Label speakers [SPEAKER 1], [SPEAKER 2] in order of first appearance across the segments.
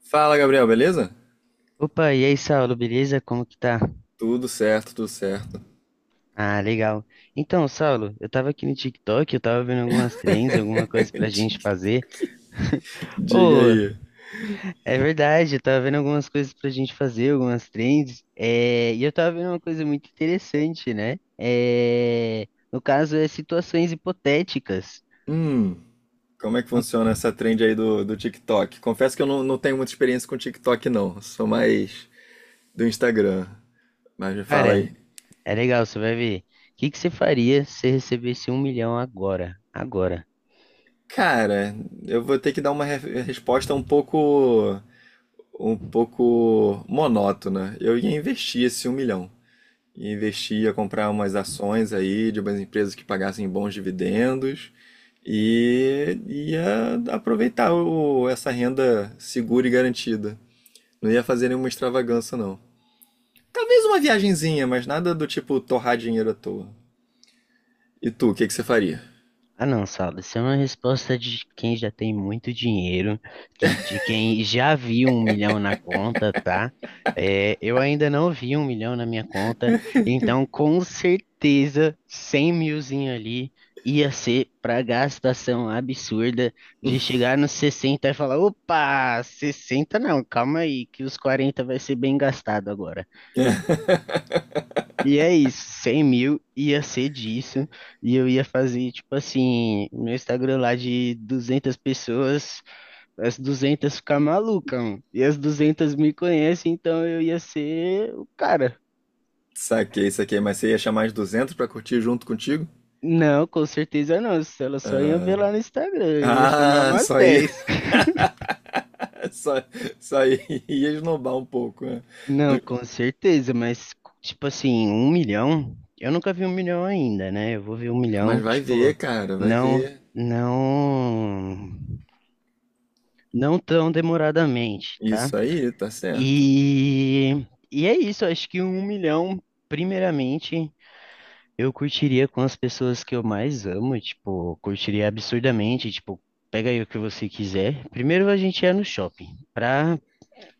[SPEAKER 1] Fala, Gabriel, beleza?
[SPEAKER 2] Opa, e aí, Saulo, beleza? Como que tá?
[SPEAKER 1] Tudo certo, tudo certo.
[SPEAKER 2] Ah, legal. Então, Saulo, eu tava aqui no TikTok, eu tava vendo algumas trends, alguma coisa pra gente fazer.
[SPEAKER 1] TikTok. Diga
[SPEAKER 2] Ô,
[SPEAKER 1] aí.
[SPEAKER 2] é verdade, eu tava vendo algumas coisas pra gente fazer, algumas trends. É, e eu tava vendo uma coisa muito interessante, né? É, no caso, é situações hipotéticas.
[SPEAKER 1] Hum, como é que
[SPEAKER 2] Então,
[SPEAKER 1] funciona essa trend aí do TikTok? Confesso que eu não tenho muita experiência com TikTok, não. Sou mais do Instagram. Mas me fala
[SPEAKER 2] cara,
[SPEAKER 1] aí.
[SPEAKER 2] é legal, você vai ver. O que que você faria se recebesse 1 milhão agora? Agora.
[SPEAKER 1] Cara, eu vou ter que dar uma resposta um pouco monótona. Eu ia investir esse 1 milhão. E investir, ia comprar umas ações aí de umas empresas que pagassem bons dividendos e ia aproveitar essa renda segura e garantida. Não ia fazer nenhuma extravagância, não. Talvez uma viagenzinha, mas nada do tipo torrar dinheiro à toa. E tu, o que que você faria?
[SPEAKER 2] Ah, não, Saulo, isso é uma resposta de quem já tem muito dinheiro, de quem já viu 1 milhão na conta, tá? É, eu ainda não vi 1 milhão na minha conta, então com certeza 100 milzinho ali ia ser pra gastação absurda de chegar nos 60 e falar: opa, 60 não, calma aí, que os 40 vai ser bem gastado agora. E é isso, 100 mil ia ser disso, e eu ia fazer, tipo assim, meu Instagram lá de 200 pessoas, as 200 ficar maluca, mano. E as 200 me conhecem, então eu ia ser o cara.
[SPEAKER 1] Saquei, mas você ia chamar as 200 pra curtir junto contigo?
[SPEAKER 2] Não, com certeza não, se elas só iam ver lá no Instagram, eu ia chamar
[SPEAKER 1] Ah,
[SPEAKER 2] umas
[SPEAKER 1] só ia,
[SPEAKER 2] dez
[SPEAKER 1] só, só ia esnobar um pouco, né?
[SPEAKER 2] Não,
[SPEAKER 1] No-
[SPEAKER 2] com certeza, mas, tipo assim, 1 milhão, eu nunca vi 1 milhão ainda, né? Eu vou ver um
[SPEAKER 1] Mas
[SPEAKER 2] milhão,
[SPEAKER 1] vai ver,
[SPEAKER 2] tipo,
[SPEAKER 1] cara, vai
[SPEAKER 2] não,
[SPEAKER 1] ver.
[SPEAKER 2] não, não tão demoradamente, tá?
[SPEAKER 1] Isso aí, tá certo.
[SPEAKER 2] E, e é isso, eu acho que 1 milhão, primeiramente, eu curtiria com as pessoas que eu mais amo, tipo, curtiria absurdamente, tipo, pega aí o que você quiser. Primeiro a gente ia no shopping, pra,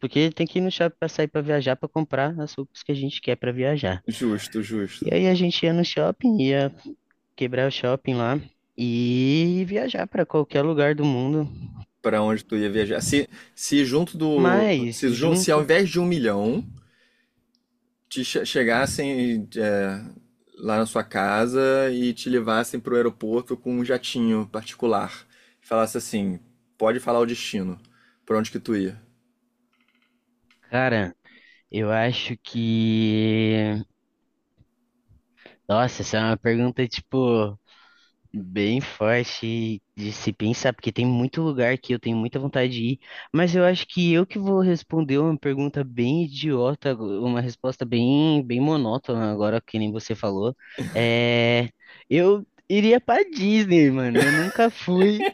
[SPEAKER 2] porque tem que ir no shopping pra sair pra viajar, pra comprar as roupas que a gente quer pra viajar.
[SPEAKER 1] Justo.
[SPEAKER 2] E aí a gente ia no shopping, ia quebrar o shopping lá e viajar pra qualquer lugar do mundo.
[SPEAKER 1] Pra onde tu ia viajar? Se junto do.
[SPEAKER 2] Mas
[SPEAKER 1] Se, jun- se ao
[SPEAKER 2] junto,
[SPEAKER 1] invés de 1 milhão, chegassem é, lá na sua casa e te levassem pro aeroporto com um jatinho particular. E falasse assim: pode falar o destino. Pra onde que tu ia?
[SPEAKER 2] cara. Eu acho que. Nossa, essa é uma pergunta, tipo, bem forte de se pensar, porque tem muito lugar que eu tenho muita vontade de ir, mas eu acho que eu que vou responder uma pergunta bem idiota, uma resposta bem, bem monótona, agora que nem você falou. É. Eu iria pra Disney, mano. Eu nunca fui.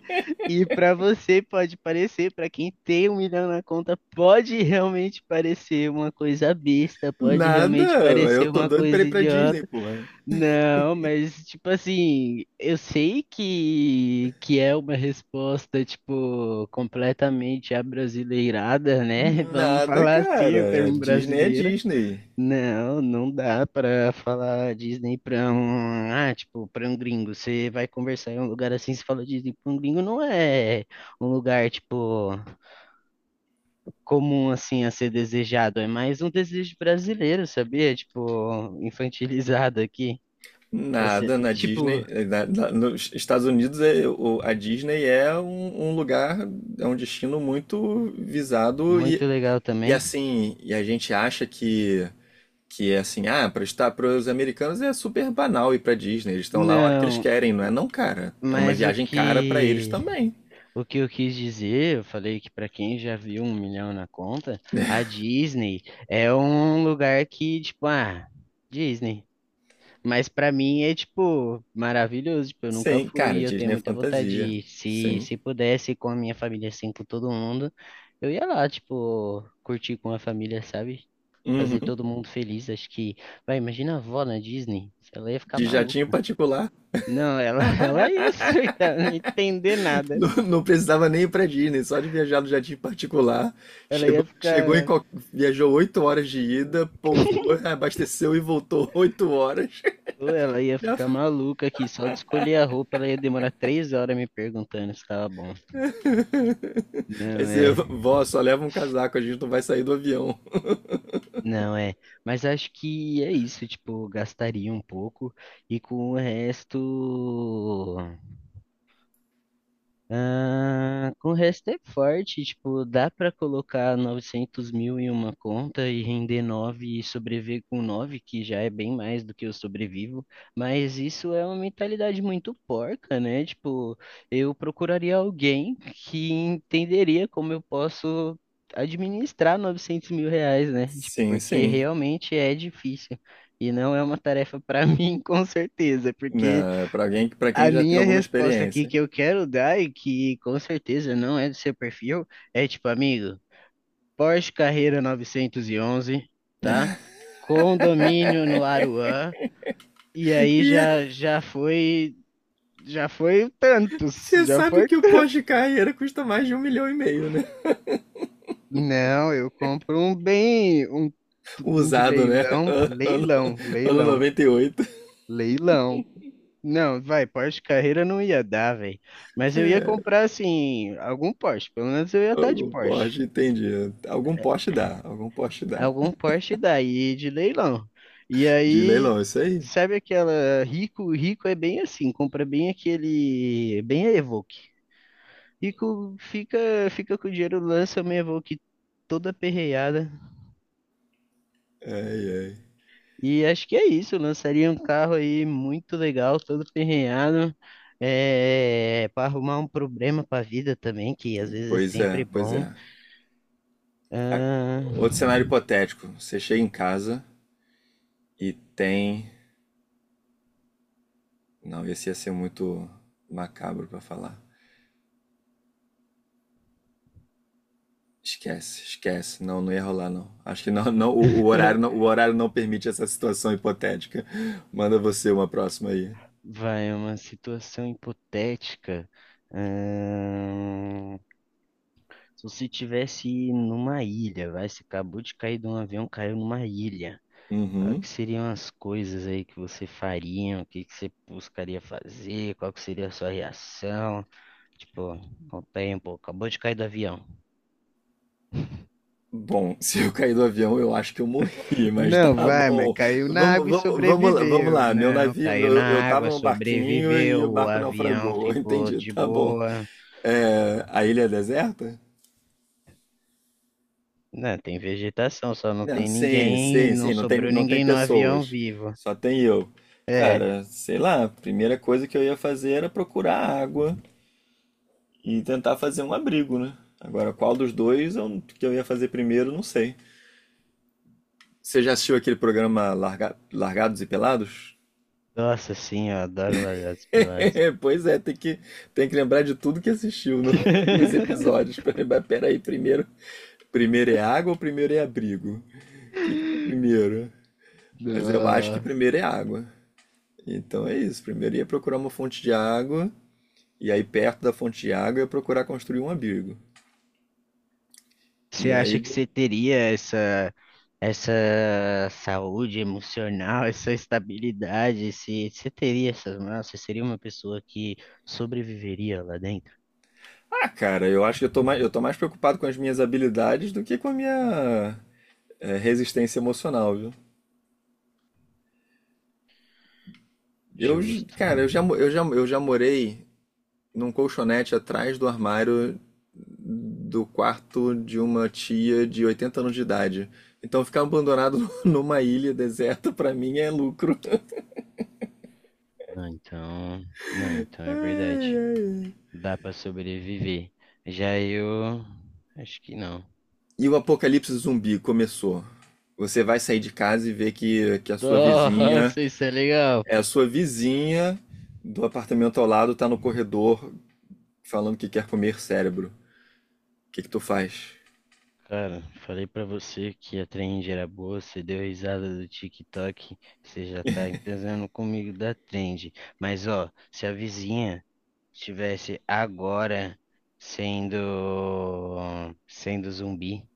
[SPEAKER 2] E para você pode parecer, para quem tem 1 milhão na conta, pode realmente parecer uma coisa besta, pode
[SPEAKER 1] Nada,
[SPEAKER 2] realmente
[SPEAKER 1] eu
[SPEAKER 2] parecer
[SPEAKER 1] tô
[SPEAKER 2] uma
[SPEAKER 1] doido pra ir
[SPEAKER 2] coisa
[SPEAKER 1] pra Disney,
[SPEAKER 2] idiota.
[SPEAKER 1] porra.
[SPEAKER 2] Não, mas tipo assim, eu sei que é uma resposta tipo completamente abrasileirada, né? Vamos
[SPEAKER 1] Nada,
[SPEAKER 2] falar assim, o
[SPEAKER 1] cara.
[SPEAKER 2] termo
[SPEAKER 1] Disney é
[SPEAKER 2] brasileiro.
[SPEAKER 1] Disney.
[SPEAKER 2] Não, não dá pra falar Disney pra um, ah, tipo, pra um gringo. Você vai conversar em um lugar assim, você fala Disney pra um gringo, não é um lugar, tipo, comum assim a ser desejado, é mais um desejo brasileiro, sabia? Tipo, infantilizado aqui. Você,
[SPEAKER 1] Nada na Disney,
[SPEAKER 2] tipo,
[SPEAKER 1] nos Estados Unidos é, a Disney é um lugar, é um destino muito visado
[SPEAKER 2] muito legal
[SPEAKER 1] e
[SPEAKER 2] também.
[SPEAKER 1] assim, e a gente acha que é assim, ah, para os americanos é super banal ir para Disney, eles estão lá a hora que eles
[SPEAKER 2] Não,
[SPEAKER 1] querem, não é? Não, cara, é uma
[SPEAKER 2] mas o
[SPEAKER 1] viagem cara para eles
[SPEAKER 2] que
[SPEAKER 1] também.
[SPEAKER 2] O que eu quis dizer, eu falei que para quem já viu 1 milhão na conta,
[SPEAKER 1] Né?
[SPEAKER 2] a Disney é um lugar que, tipo, ah, Disney. Mas para mim é, tipo, maravilhoso. Tipo, eu nunca
[SPEAKER 1] Sim,
[SPEAKER 2] fui,
[SPEAKER 1] cara,
[SPEAKER 2] eu tenho
[SPEAKER 1] Disney é
[SPEAKER 2] muita vontade de
[SPEAKER 1] fantasia.
[SPEAKER 2] ir. Se,
[SPEAKER 1] Sim.
[SPEAKER 2] se pudesse, com a minha família, assim, com todo mundo, eu ia lá, tipo, curtir com a família, sabe? Fazer
[SPEAKER 1] Uhum.
[SPEAKER 2] todo mundo feliz. Acho que, vai, imagina a avó na Disney, ela ia ficar
[SPEAKER 1] De
[SPEAKER 2] maluca.
[SPEAKER 1] jatinho particular.
[SPEAKER 2] Não, ela, ela ia surtar, não ia entender nada.
[SPEAKER 1] Não, não precisava nem ir pra Disney, só de viajar no jardim particular.
[SPEAKER 2] Ela
[SPEAKER 1] Chegou,
[SPEAKER 2] ia
[SPEAKER 1] chegou em,
[SPEAKER 2] ficar.
[SPEAKER 1] qual- Viajou 8 horas de ida, pousou, abasteceu e voltou 8 horas.
[SPEAKER 2] Ou ela ia
[SPEAKER 1] Já-
[SPEAKER 2] ficar maluca aqui, só de escolher a roupa ela ia demorar 3 horas me perguntando se tava bom.
[SPEAKER 1] Aí
[SPEAKER 2] Não
[SPEAKER 1] você,
[SPEAKER 2] é,
[SPEAKER 1] vó, só leva um casaco, a gente não vai sair do avião.
[SPEAKER 2] não é. Mas acho que é isso, tipo, gastaria um pouco e com o resto. Ah, com o resto é forte, tipo, dá para colocar 900 mil em uma conta e render 9 e sobreviver com 9 que já é bem mais do que eu sobrevivo, mas isso é uma mentalidade muito porca, né? Tipo, eu procuraria alguém que entenderia como eu posso administrar 900 mil reais, né? Tipo,
[SPEAKER 1] Sim,
[SPEAKER 2] porque
[SPEAKER 1] sim.
[SPEAKER 2] realmente é difícil. E não é uma tarefa para mim, com certeza, porque
[SPEAKER 1] Na, pra alguém, para quem
[SPEAKER 2] a
[SPEAKER 1] já tem
[SPEAKER 2] minha
[SPEAKER 1] alguma
[SPEAKER 2] resposta aqui
[SPEAKER 1] experiência.
[SPEAKER 2] que eu quero dar e que com certeza não é do seu perfil é tipo, amigo, Porsche Carrera 911, tá? Condomínio no Aruan e aí
[SPEAKER 1] E é,
[SPEAKER 2] já já foi tantos,
[SPEAKER 1] você
[SPEAKER 2] já
[SPEAKER 1] sabe
[SPEAKER 2] foi.
[SPEAKER 1] que o pós-carreira custa mais de 1,5 milhão, né?
[SPEAKER 2] Não, eu compro um bem um de
[SPEAKER 1] Usado, né?
[SPEAKER 2] leilão,
[SPEAKER 1] Ano,
[SPEAKER 2] leilão,
[SPEAKER 1] ano
[SPEAKER 2] leilão,
[SPEAKER 1] 98.
[SPEAKER 2] leilão. Não, vai, Porsche Carrera não ia dar, velho. Mas eu ia comprar assim algum Porsche, pelo menos eu ia estar de
[SPEAKER 1] Algum
[SPEAKER 2] Porsche.
[SPEAKER 1] Porsche, entendi. Algum Porsche dá.
[SPEAKER 2] Algum Porsche daí de leilão. E
[SPEAKER 1] De
[SPEAKER 2] aí,
[SPEAKER 1] leilão, isso aí.
[SPEAKER 2] sabe aquela rico, rico é bem assim, compra bem aquele, bem a Evoque. Rico fica com o dinheiro, lança uma Evoque toda perreada.
[SPEAKER 1] Ai, ai.
[SPEAKER 2] E acho que é isso, lançaria um carro aí muito legal, todo perreado. É, para arrumar um problema para a vida também, que às vezes é
[SPEAKER 1] Pois
[SPEAKER 2] sempre
[SPEAKER 1] é, pois
[SPEAKER 2] bom.
[SPEAKER 1] é. Ah,
[SPEAKER 2] Ah,
[SPEAKER 1] outro cenário hipotético. Você chega em casa e tem. Não, esse ia ser muito macabro pra falar. Esquece. Não, não ia rolar, não. Acho que não, o horário o horário não permite essa situação hipotética. Manda você uma próxima aí.
[SPEAKER 2] vai, uma situação hipotética. Ahn, Se você tivesse numa ilha, vai, você acabou de cair de um avião, caiu numa ilha. Qual
[SPEAKER 1] Uhum.
[SPEAKER 2] que seriam as coisas aí que você faria? O que que você buscaria fazer? Qual que seria a sua reação? Tipo, com o tempo, acabou de cair do avião.
[SPEAKER 1] Bom, se eu cair do avião, eu acho que eu morri, mas
[SPEAKER 2] Não,
[SPEAKER 1] tá
[SPEAKER 2] vai, mas
[SPEAKER 1] bom.
[SPEAKER 2] caiu na
[SPEAKER 1] Vamos,
[SPEAKER 2] água e
[SPEAKER 1] vamos, vamos, vamos
[SPEAKER 2] sobreviveu.
[SPEAKER 1] lá. Meu
[SPEAKER 2] Não,
[SPEAKER 1] navio,
[SPEAKER 2] caiu
[SPEAKER 1] eu
[SPEAKER 2] na
[SPEAKER 1] tava
[SPEAKER 2] água,
[SPEAKER 1] num barquinho e o
[SPEAKER 2] sobreviveu, o
[SPEAKER 1] barco
[SPEAKER 2] avião
[SPEAKER 1] naufragou.
[SPEAKER 2] ficou
[SPEAKER 1] Entendi,
[SPEAKER 2] de
[SPEAKER 1] tá bom.
[SPEAKER 2] boa.
[SPEAKER 1] É, a ilha é deserta?
[SPEAKER 2] Não, tem vegetação, só não
[SPEAKER 1] Não,
[SPEAKER 2] tem
[SPEAKER 1] sim,
[SPEAKER 2] ninguém,
[SPEAKER 1] sim,
[SPEAKER 2] não
[SPEAKER 1] sim.
[SPEAKER 2] sobrou
[SPEAKER 1] Não tem
[SPEAKER 2] ninguém no avião
[SPEAKER 1] pessoas.
[SPEAKER 2] vivo.
[SPEAKER 1] Só tem eu.
[SPEAKER 2] É.
[SPEAKER 1] Cara, sei lá. A primeira coisa que eu ia fazer era procurar água e tentar fazer um abrigo, né? Agora, qual dos dois eu, que eu ia fazer primeiro, não sei. Você já assistiu aquele programa Largados e Pelados?
[SPEAKER 2] Nossa, sim, eu adoro largados e pelados.
[SPEAKER 1] Pois é, tem que lembrar de tudo que assistiu nos episódios, pra lembrar. Peraí, primeiro é água ou primeiro é abrigo? O que que é primeiro? Mas eu acho que
[SPEAKER 2] Nossa.
[SPEAKER 1] primeiro é água. Então é isso. Primeiro ia procurar uma fonte de água, e aí perto da fonte de água eu ia procurar construir um abrigo.
[SPEAKER 2] Você
[SPEAKER 1] E aí
[SPEAKER 2] acha que
[SPEAKER 1] de-
[SPEAKER 2] você teria essa, essa saúde emocional, essa estabilidade? Se você teria essas, nossa, você seria uma pessoa que sobreviveria lá dentro?
[SPEAKER 1] Ah, cara, eu acho que eu tô mais preocupado com as minhas habilidades do que com a minha, é, resistência emocional, viu? Eu, j-
[SPEAKER 2] Justo.
[SPEAKER 1] cara, eu já, mo- eu já morei num colchonete atrás do armário do quarto de uma tia de 80 anos de idade. Então ficar abandonado numa ilha deserta pra mim é lucro.
[SPEAKER 2] Não, então, não, então
[SPEAKER 1] Ai,
[SPEAKER 2] é verdade.
[SPEAKER 1] ai.
[SPEAKER 2] Dá pra sobreviver. Já eu acho que não.
[SPEAKER 1] E o apocalipse zumbi começou. Você vai sair de casa e ver que a sua vizinha
[SPEAKER 2] Nossa, isso é legal.
[SPEAKER 1] é a sua vizinha do apartamento ao lado tá no corredor falando que quer comer cérebro. O que que tu faz?
[SPEAKER 2] Cara, falei pra você que a trend era boa, você deu risada do TikTok, você já tá entendendo comigo da trend. Mas ó, se a vizinha estivesse agora sendo sendo zumbi,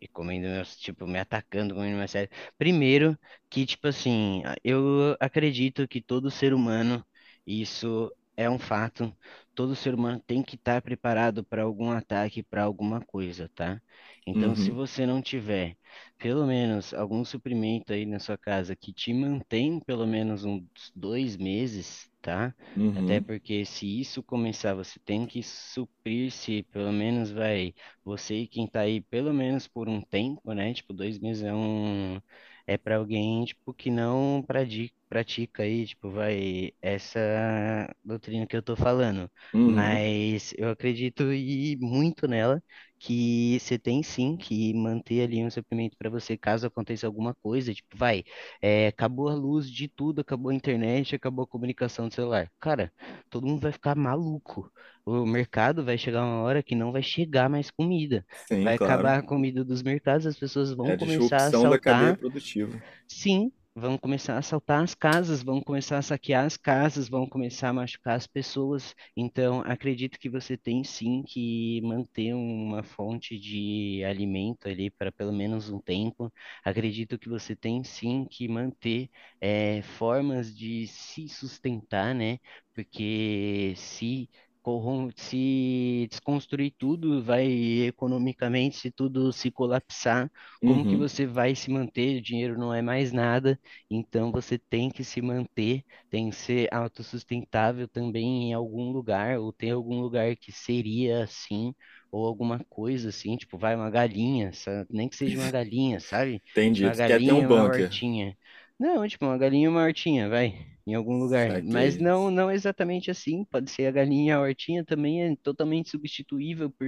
[SPEAKER 2] e comendo meus, tipo, me atacando, comendo minha série. Primeiro, que, tipo assim, eu acredito que todo ser humano, e isso é um fato, todo ser humano tem que estar preparado para algum ataque, para alguma coisa, tá? Então, se
[SPEAKER 1] Uhum,
[SPEAKER 2] você não tiver, pelo menos, algum suprimento aí na sua casa que te mantém pelo menos uns 2 meses, tá? Até
[SPEAKER 1] uhum,
[SPEAKER 2] porque se isso começar, você tem que suprir-se, pelo menos vai você e quem tá aí pelo menos por um tempo, né? Tipo, 2 meses é para alguém tipo que não pratica aí, tipo, vai essa doutrina que eu tô falando,
[SPEAKER 1] uhum.
[SPEAKER 2] mas eu acredito e muito nela que você tem sim que manter ali um suprimento para você caso aconteça alguma coisa, tipo, vai, é, acabou a luz de tudo, acabou a internet, acabou a comunicação do celular. Cara, todo mundo vai ficar maluco. O mercado vai chegar uma hora que não vai chegar mais comida.
[SPEAKER 1] Sim,
[SPEAKER 2] Vai
[SPEAKER 1] claro.
[SPEAKER 2] acabar a comida dos mercados, as pessoas
[SPEAKER 1] É a
[SPEAKER 2] vão começar a
[SPEAKER 1] disrupção da cadeia
[SPEAKER 2] assaltar.
[SPEAKER 1] produtiva.
[SPEAKER 2] Sim, vão começar a assaltar as casas, vão começar a saquear as casas, vão começar a machucar as pessoas. Então, acredito que você tem sim que manter uma fonte de alimento ali para pelo menos um tempo. Acredito que você tem sim que manter formas de se sustentar, né? Porque se desconstruir tudo, vai economicamente, se tudo se colapsar como que
[SPEAKER 1] Uhum.
[SPEAKER 2] você vai se manter? O dinheiro não é mais nada, então você tem que se manter, tem que ser autossustentável também em algum lugar, ou tem algum lugar que seria assim, ou alguma coisa assim, tipo, vai uma galinha, nem que seja uma galinha, sabe? Tipo,
[SPEAKER 1] Entendi.
[SPEAKER 2] uma
[SPEAKER 1] Tu quer ter um
[SPEAKER 2] galinha, uma
[SPEAKER 1] bunker.
[SPEAKER 2] hortinha. Não, tipo, uma galinha e uma hortinha, vai, em algum lugar. Mas
[SPEAKER 1] Saquei.
[SPEAKER 2] não, não exatamente assim. Pode ser a galinha, e a hortinha também é totalmente substituível por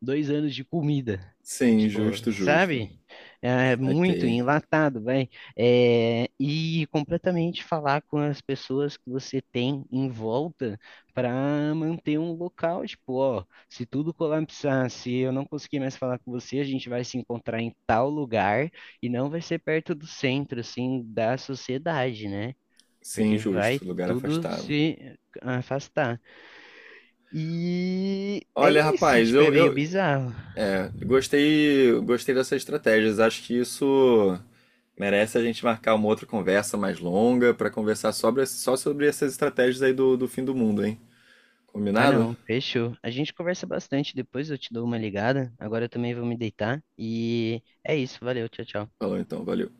[SPEAKER 2] 2 anos de comida.
[SPEAKER 1] Sim,
[SPEAKER 2] Tipo,
[SPEAKER 1] justo, justo.
[SPEAKER 2] sabe? É muito
[SPEAKER 1] Saquei.
[SPEAKER 2] enlatado, vai. É, e completamente falar com as pessoas que você tem em volta para manter um local. Tipo, ó, se tudo colapsar, se eu não conseguir mais falar com você, a gente vai se encontrar em tal lugar e não vai ser perto do centro, assim, da sociedade, né?
[SPEAKER 1] Sim,
[SPEAKER 2] Porque vai
[SPEAKER 1] justo. Lugar
[SPEAKER 2] tudo
[SPEAKER 1] afastado.
[SPEAKER 2] se afastar. E é
[SPEAKER 1] Olha,
[SPEAKER 2] isso,
[SPEAKER 1] rapaz,
[SPEAKER 2] tipo, é
[SPEAKER 1] eu,
[SPEAKER 2] meio
[SPEAKER 1] eu
[SPEAKER 2] bizarro.
[SPEAKER 1] é, gostei dessas estratégias. Acho que isso merece a gente marcar uma outra conversa mais longa para conversar sobre, só sobre essas estratégias aí do fim do mundo, hein?
[SPEAKER 2] Ah,
[SPEAKER 1] Combinado?
[SPEAKER 2] não, fechou. A gente conversa bastante depois, eu te dou uma ligada. Agora eu também vou me deitar. E é isso, valeu, tchau, tchau.
[SPEAKER 1] Falou então, valeu.